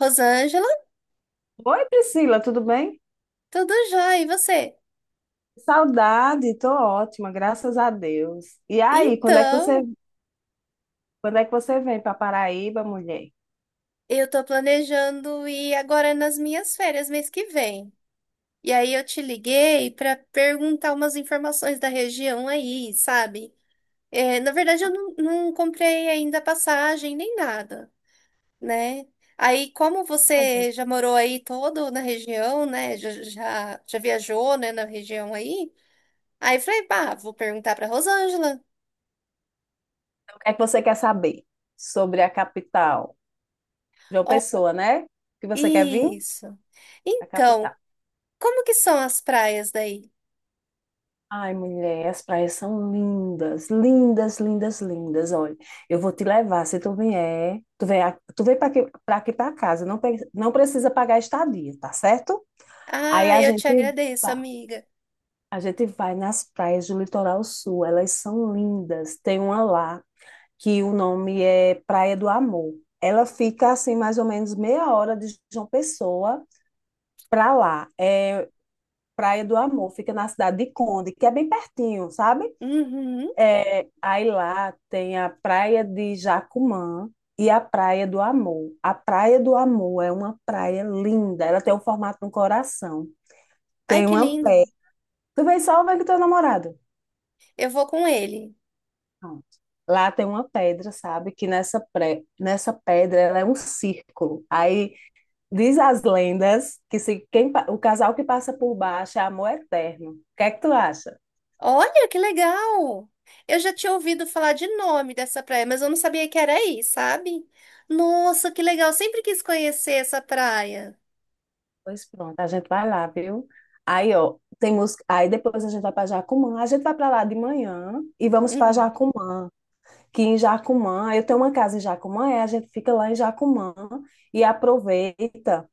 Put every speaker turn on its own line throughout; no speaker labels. Rosângela,
Oi, Priscila, tudo bem?
tudo jóia, e você?
Saudade, tô ótima, graças a Deus. E aí,
Então,
quando é que você vem para Paraíba, mulher?
eu tô planejando ir agora nas minhas férias mês que vem. E aí eu te liguei para perguntar umas informações da região aí, sabe? É, na verdade, eu não comprei ainda passagem nem nada, né? Aí, como
Então,
você já morou aí todo na região, né? Já viajou, né, na região aí? Aí eu falei, pá, vou perguntar para Rosângela.
o que é que você quer saber sobre a capital? João
Ó,
Pessoa, né? Que você quer vir?
isso.
A
Então,
capital.
como que são as praias daí?
Ai, mulher, as praias são lindas, lindas, lindas, lindas. Olha, eu vou te levar se tu vier. Tu vem, tu vem para aqui, para casa. Não, não precisa pagar estadia, tá certo? Aí
Ah,
a
eu te
gente,
agradeço, amiga.
A gente vai nas praias do litoral sul, elas são lindas. Tem uma lá que o nome é Praia do Amor. Ela fica assim mais ou menos meia hora de João Pessoa para lá. É Praia do Amor, fica na cidade de Conde, que é bem pertinho, sabe?
Uhum.
É, aí lá tem a Praia de Jacumã e a Praia do Amor. A Praia do Amor é uma praia linda, ela tem o formato de um coração.
Ai,
Tem
que
uma
lindo.
pedra. Tu vem só ou vem com teu namorado?
Eu vou com ele.
Pronto. Lá tem uma pedra, sabe? Que nessa pedra ela é um círculo. Aí diz as lendas que se quem, pa- o casal que passa por baixo é amor eterno. O que é que tu acha?
Olha, que legal. Eu já tinha ouvido falar de nome dessa praia, mas eu não sabia que era aí, sabe? Nossa, que legal. Sempre quis conhecer essa praia.
Pois pronto, a gente vai lá, viu? Aí, ó, tem música. Aí depois a gente vai para Jacumã. A gente vai para lá de manhã e vamos para
Uhum.
Jacumã. Que em Jacumã, eu tenho uma casa em Jacumã, e a gente fica lá em Jacumã e aproveita.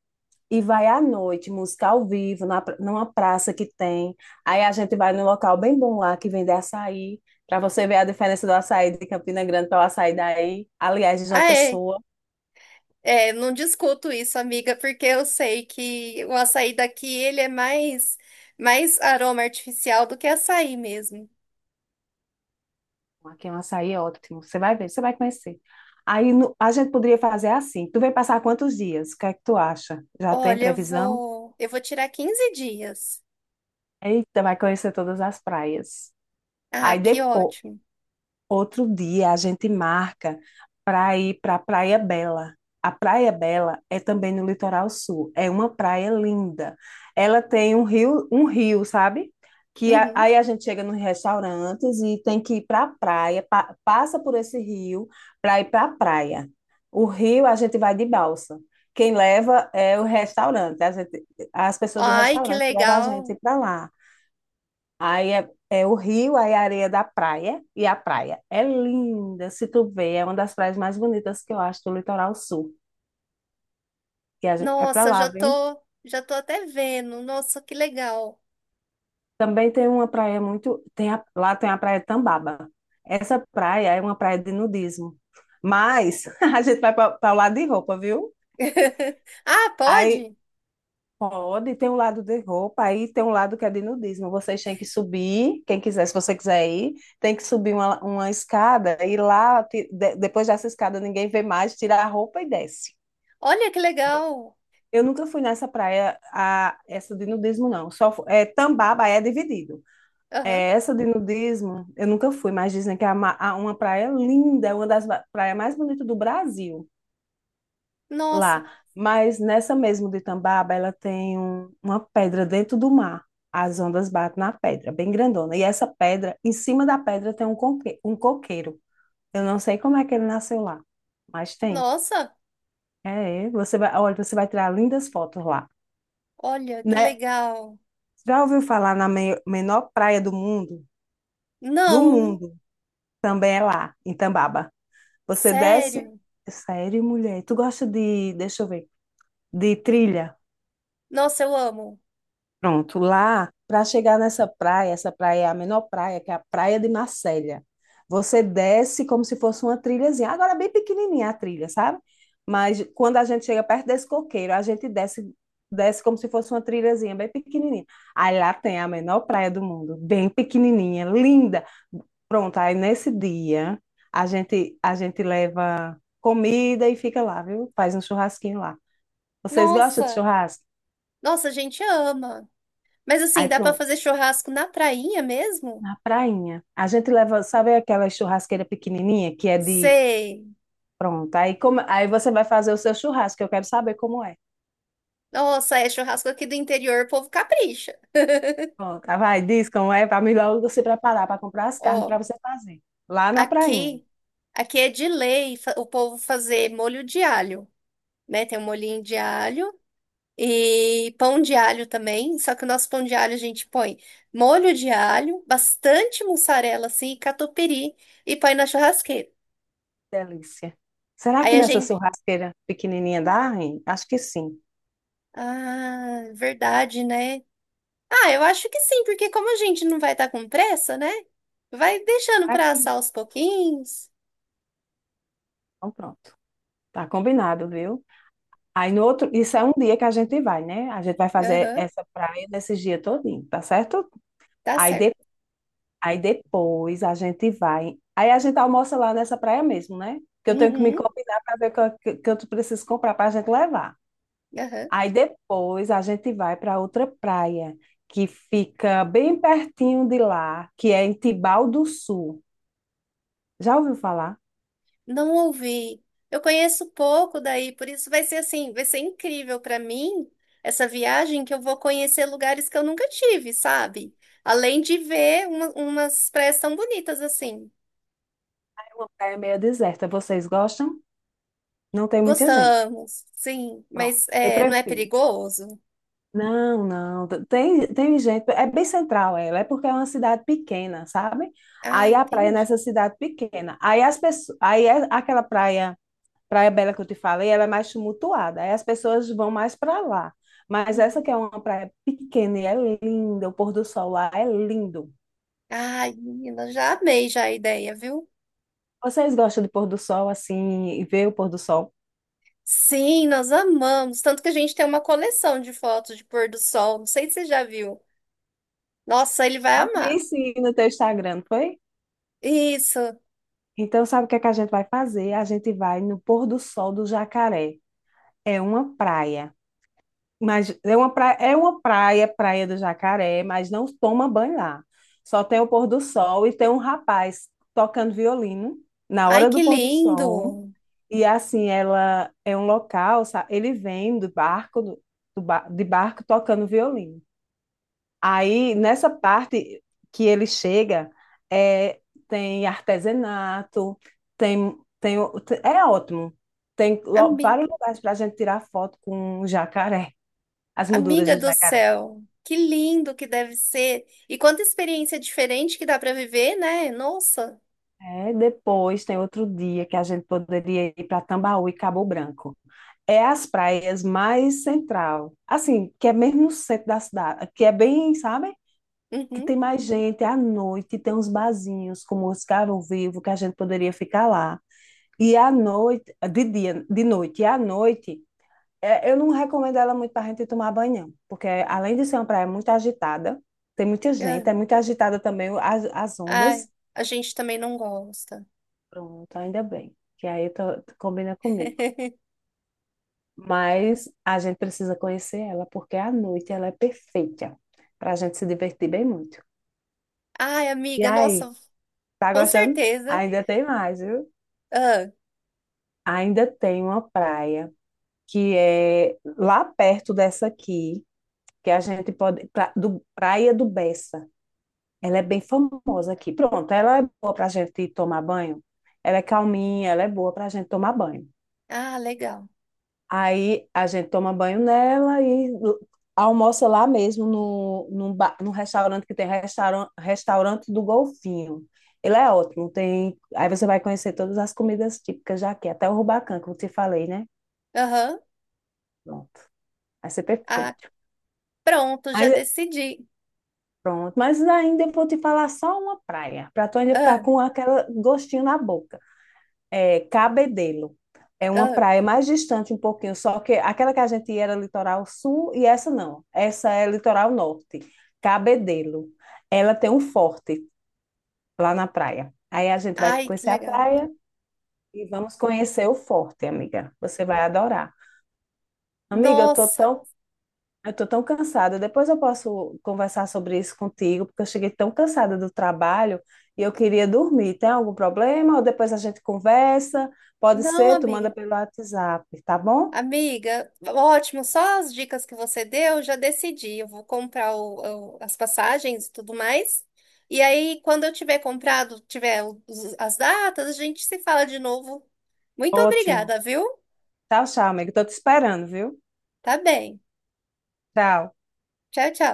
E vai à noite, música ao vivo, numa praça que tem. Aí a gente vai num local bem bom lá que vende açaí, para você ver a diferença do açaí de Campina Grande para o açaí daí. Aliás, de João
Ah, é.
Pessoa.
É, não discuto isso, amiga, porque eu sei que o açaí daqui, ele é mais, mais aroma artificial do que açaí mesmo.
Aqui é um açaí ótimo. Você vai ver, você vai conhecer. Aí no- A gente poderia fazer assim. Tu vem passar quantos dias? O que é que tu acha? Já tem
Olha, eu
previsão?
vou, eu vou tirar 15 dias.
Eita, vai conhecer todas as praias.
Ah,
Aí
que
depois.
ótimo.
Outro dia a gente marca para ir para a Praia Bela. A Praia Bela é também no litoral sul. É uma praia linda. Ela tem um rio, sabe? Que
Uhum.
aí a gente chega nos restaurantes e tem que ir para a praia, passa por esse rio para ir para a praia. O rio a gente vai de balsa. Quem leva é o restaurante. As pessoas do
Ai, que
restaurante levam a
legal.
gente para lá. Aí é, é o rio, aí a areia da praia, e a praia é linda, se tu vê, é uma das praias mais bonitas que eu acho do litoral sul, e a gente vai pra
Nossa,
lá,
já
viu?
tô, já tô até vendo. Nossa, que legal.
Também tem uma praia muito, lá tem a praia Tambaba. Essa praia é uma praia de nudismo, mas a gente vai para o lado de roupa, viu?
Ah,
Aí
pode?
pode, tem um lado de roupa, aí tem um lado que é de nudismo. Vocês têm que subir, quem quiser, se você quiser ir, tem que subir uma escada e lá, depois dessa escada, ninguém vê mais, tira a roupa e desce.
Olha que legal.
Eu nunca fui nessa praia, a, essa de nudismo, não. É, Tambaba é dividido.
Aham.
É, essa de nudismo, eu nunca fui, mas dizem que é uma praia linda, é praias mais bonitas do Brasil.
Nossa,
Lá. Mas nessa mesmo de Tambaba, ela tem uma pedra dentro do mar. As ondas batem na pedra, bem grandona. E essa pedra, em cima da pedra tem um coqueiro. Eu não sei como é que ele nasceu lá, mas tem.
nossa.
É, é. Você vai, olha, você vai tirar lindas fotos lá,
Olha que
né?
legal.
Já ouviu falar menor praia do mundo? Do
Não,
mundo, também é lá, em Tambaba. Você desce.
sério.
Sério, mulher? Tu gosta de, deixa eu ver, de trilha?
Nossa, eu amo.
Pronto, lá, para chegar nessa praia, essa praia é a menor praia, que é a Praia de Marcélia. Você desce como se fosse uma trilhazinha. Agora é bem pequenininha a trilha, sabe? Mas quando a gente chega perto desse coqueiro, a gente desce, desce como se fosse uma trilhazinha bem pequenininha. Aí lá tem a menor praia do mundo, bem pequenininha, linda. Pronto, aí nesse dia a gente leva comida e fica lá, viu? Faz um churrasquinho lá. Vocês gostam de
Nossa,
churrasco?
nossa, a gente ama. Mas
Aí
assim, dá pra
pronto.
fazer churrasco na prainha mesmo?
Na prainha. A gente leva, sabe aquela churrasqueira pequenininha que é de.
Sei.
Pronto. Aí, como... aí você vai fazer o seu churrasco, eu quero saber como é.
Nossa, é churrasco aqui do interior, o povo capricha.
Pronto. Ah, vai, diz como é, para melhor você preparar para comprar as carnes para
Ó.
você fazer. Lá na prainha.
Aqui, aqui é de lei o povo fazer molho de alho, né? Tem um molhinho de alho e pão de alho também. Só que o nosso pão de alho a gente põe molho de alho, bastante mussarela assim, e catupiry e põe na churrasqueira.
Delícia. Será
Aí
que
a
nessa
gente,
churrasqueira pequenininha dá, hein? Acho que sim.
ah, verdade, né? Ah, eu acho que sim, porque como a gente não vai estar com pressa, né? Vai deixando
Ah,
para
que
assar
bom.
aos pouquinhos.
Então, pronto. Tá combinado, viu? Aí no outro, isso é um dia que a gente vai, né? A gente vai fazer
Aham,
essa praia nesse dia todinho, tá certo?
tá
Aí,
certo.
aí depois a gente vai. Aí a gente almoça lá nessa praia mesmo, né? Que eu tenho que me
Uhum,
combinar para ver o que, que eu preciso comprar para a gente levar.
aham.
Aí depois a gente vai para outra praia, que fica bem pertinho de lá, que é em Tibau do Sul. Já ouviu falar?
Não ouvi. Eu conheço pouco daí, por isso vai ser assim, vai ser incrível para mim essa viagem que eu vou conhecer lugares que eu nunca tive, sabe? Além de ver umas praias tão bonitas assim.
É uma praia meio deserta. Vocês gostam? Não tem muita gente.
Gostamos, sim,
Pronto.
mas
Eu
é, não é
prefiro.
perigoso?
Não, não. Tem, tem gente. É bem central ela, é porque é uma cidade pequena, sabe?
Ah,
Aí a praia é
entendi.
nessa cidade pequena. Aí as pessoas, aí é aquela praia, Praia Bela que eu te falei, ela é mais tumultuada. Aí as pessoas vão mais para lá. Mas essa
Uhum.
que é uma praia pequena e é linda, o pôr do sol lá é lindo.
Ai, menina, já amei já a ideia, viu?
Vocês gostam de pôr do sol assim e ver o pôr do sol?
Sim, nós amamos. Tanto que a gente tem uma coleção de fotos de pôr do sol. Não sei se você já viu. Nossa, ele vai
Ah, vi
amar.
sim no teu Instagram, não foi?
Isso.
Então sabe o que é que a gente vai fazer? A gente vai no pôr do sol do Jacaré. É uma praia. Mas é uma praia, Praia do Jacaré, mas não toma banho lá. Só tem o pôr do sol e tem um rapaz tocando violino na
Ai,
hora
que
do pôr do
lindo!
sol. E assim, ela é um local, ele vem do barco, de barco tocando violino. Aí, nessa parte que ele chega, é, tem artesanato, tem, tem, o- é ótimo.
Ami-
Vários lugares para a gente tirar foto com o jacaré. As molduras
Amiga
de
do
jacaré.
céu, que lindo que deve ser! E quanta experiência diferente que dá para viver, né? Nossa!
É, depois tem outro dia que a gente poderia ir para Tambaú e Cabo Branco. É as praias mais central, assim, que é mesmo no centro da cidade, que é bem, sabe? Que
Uhum.
tem mais gente à noite, tem uns barzinhos como os Caro Vivo, que a gente poderia ficar lá. E à noite, de dia, de noite, e à noite, é, eu não recomendo ela muito para a gente tomar banho, não, porque além de ser uma praia muito agitada, tem muita
Ah,
gente, é muito agitada também as ondas.
ai, a gente também não gosta.
Pronto, ainda bem. Que aí eu tu combina comigo. Mas a gente precisa conhecer ela, porque à noite ela é perfeita para a gente se divertir bem muito.
Ai,
E
amiga,
aí,
nossa,
tá
com
gostando?
certeza.
Ainda tem mais, viu?
Ah,
Ainda tem uma praia que é lá perto dessa aqui, que a gente pode. Praia do Bessa. Ela é bem famosa aqui. Pronto, ela é boa para a gente tomar banho. Ela é calminha, ela é boa para a gente tomar banho.
ah, legal.
Aí a gente toma banho nela e almoça lá mesmo, no restaurante que tem restaurante do Golfinho. Ele é ótimo, tem. Aí você vai conhecer todas as comidas típicas daqui, até o rubacão que eu te falei, né?
Aham.
Pronto, vai ser
Ah,
perfeito.
pronto, já
Aí,
decidi.
pronto, mas ainda eu vou te falar só uma praia, para tu ainda ficar
Ah,
com aquele gostinho na boca. É, Cabedelo. É uma
ah.
praia mais distante um pouquinho, só que aquela que a gente ia era litoral sul e essa não. Essa é litoral norte, Cabedelo. Ela tem um forte lá na praia. Aí a gente vai
Ai, que
conhecer a
legal.
praia e vamos conhecer o forte, amiga. Você vai adorar. Amiga, eu tô
Nossa,
tão eu tô tão cansada. Depois eu posso conversar sobre isso contigo, porque eu cheguei tão cansada do trabalho e eu queria dormir. Tem algum problema? Ou depois a gente conversa? Pode
não,
ser, tu manda
amiga.
pelo WhatsApp, tá bom?
Amiga, ótimo, só as dicas que você deu, já decidi. Eu vou comprar as passagens e tudo mais. E aí, quando eu tiver comprado, tiver as datas, a gente se fala de novo. Muito
Ótimo.
obrigada, viu?
Tchau, tchau, amigo. Tô te esperando, viu?
Tá bem.
Tchau.
Tchau, tchau.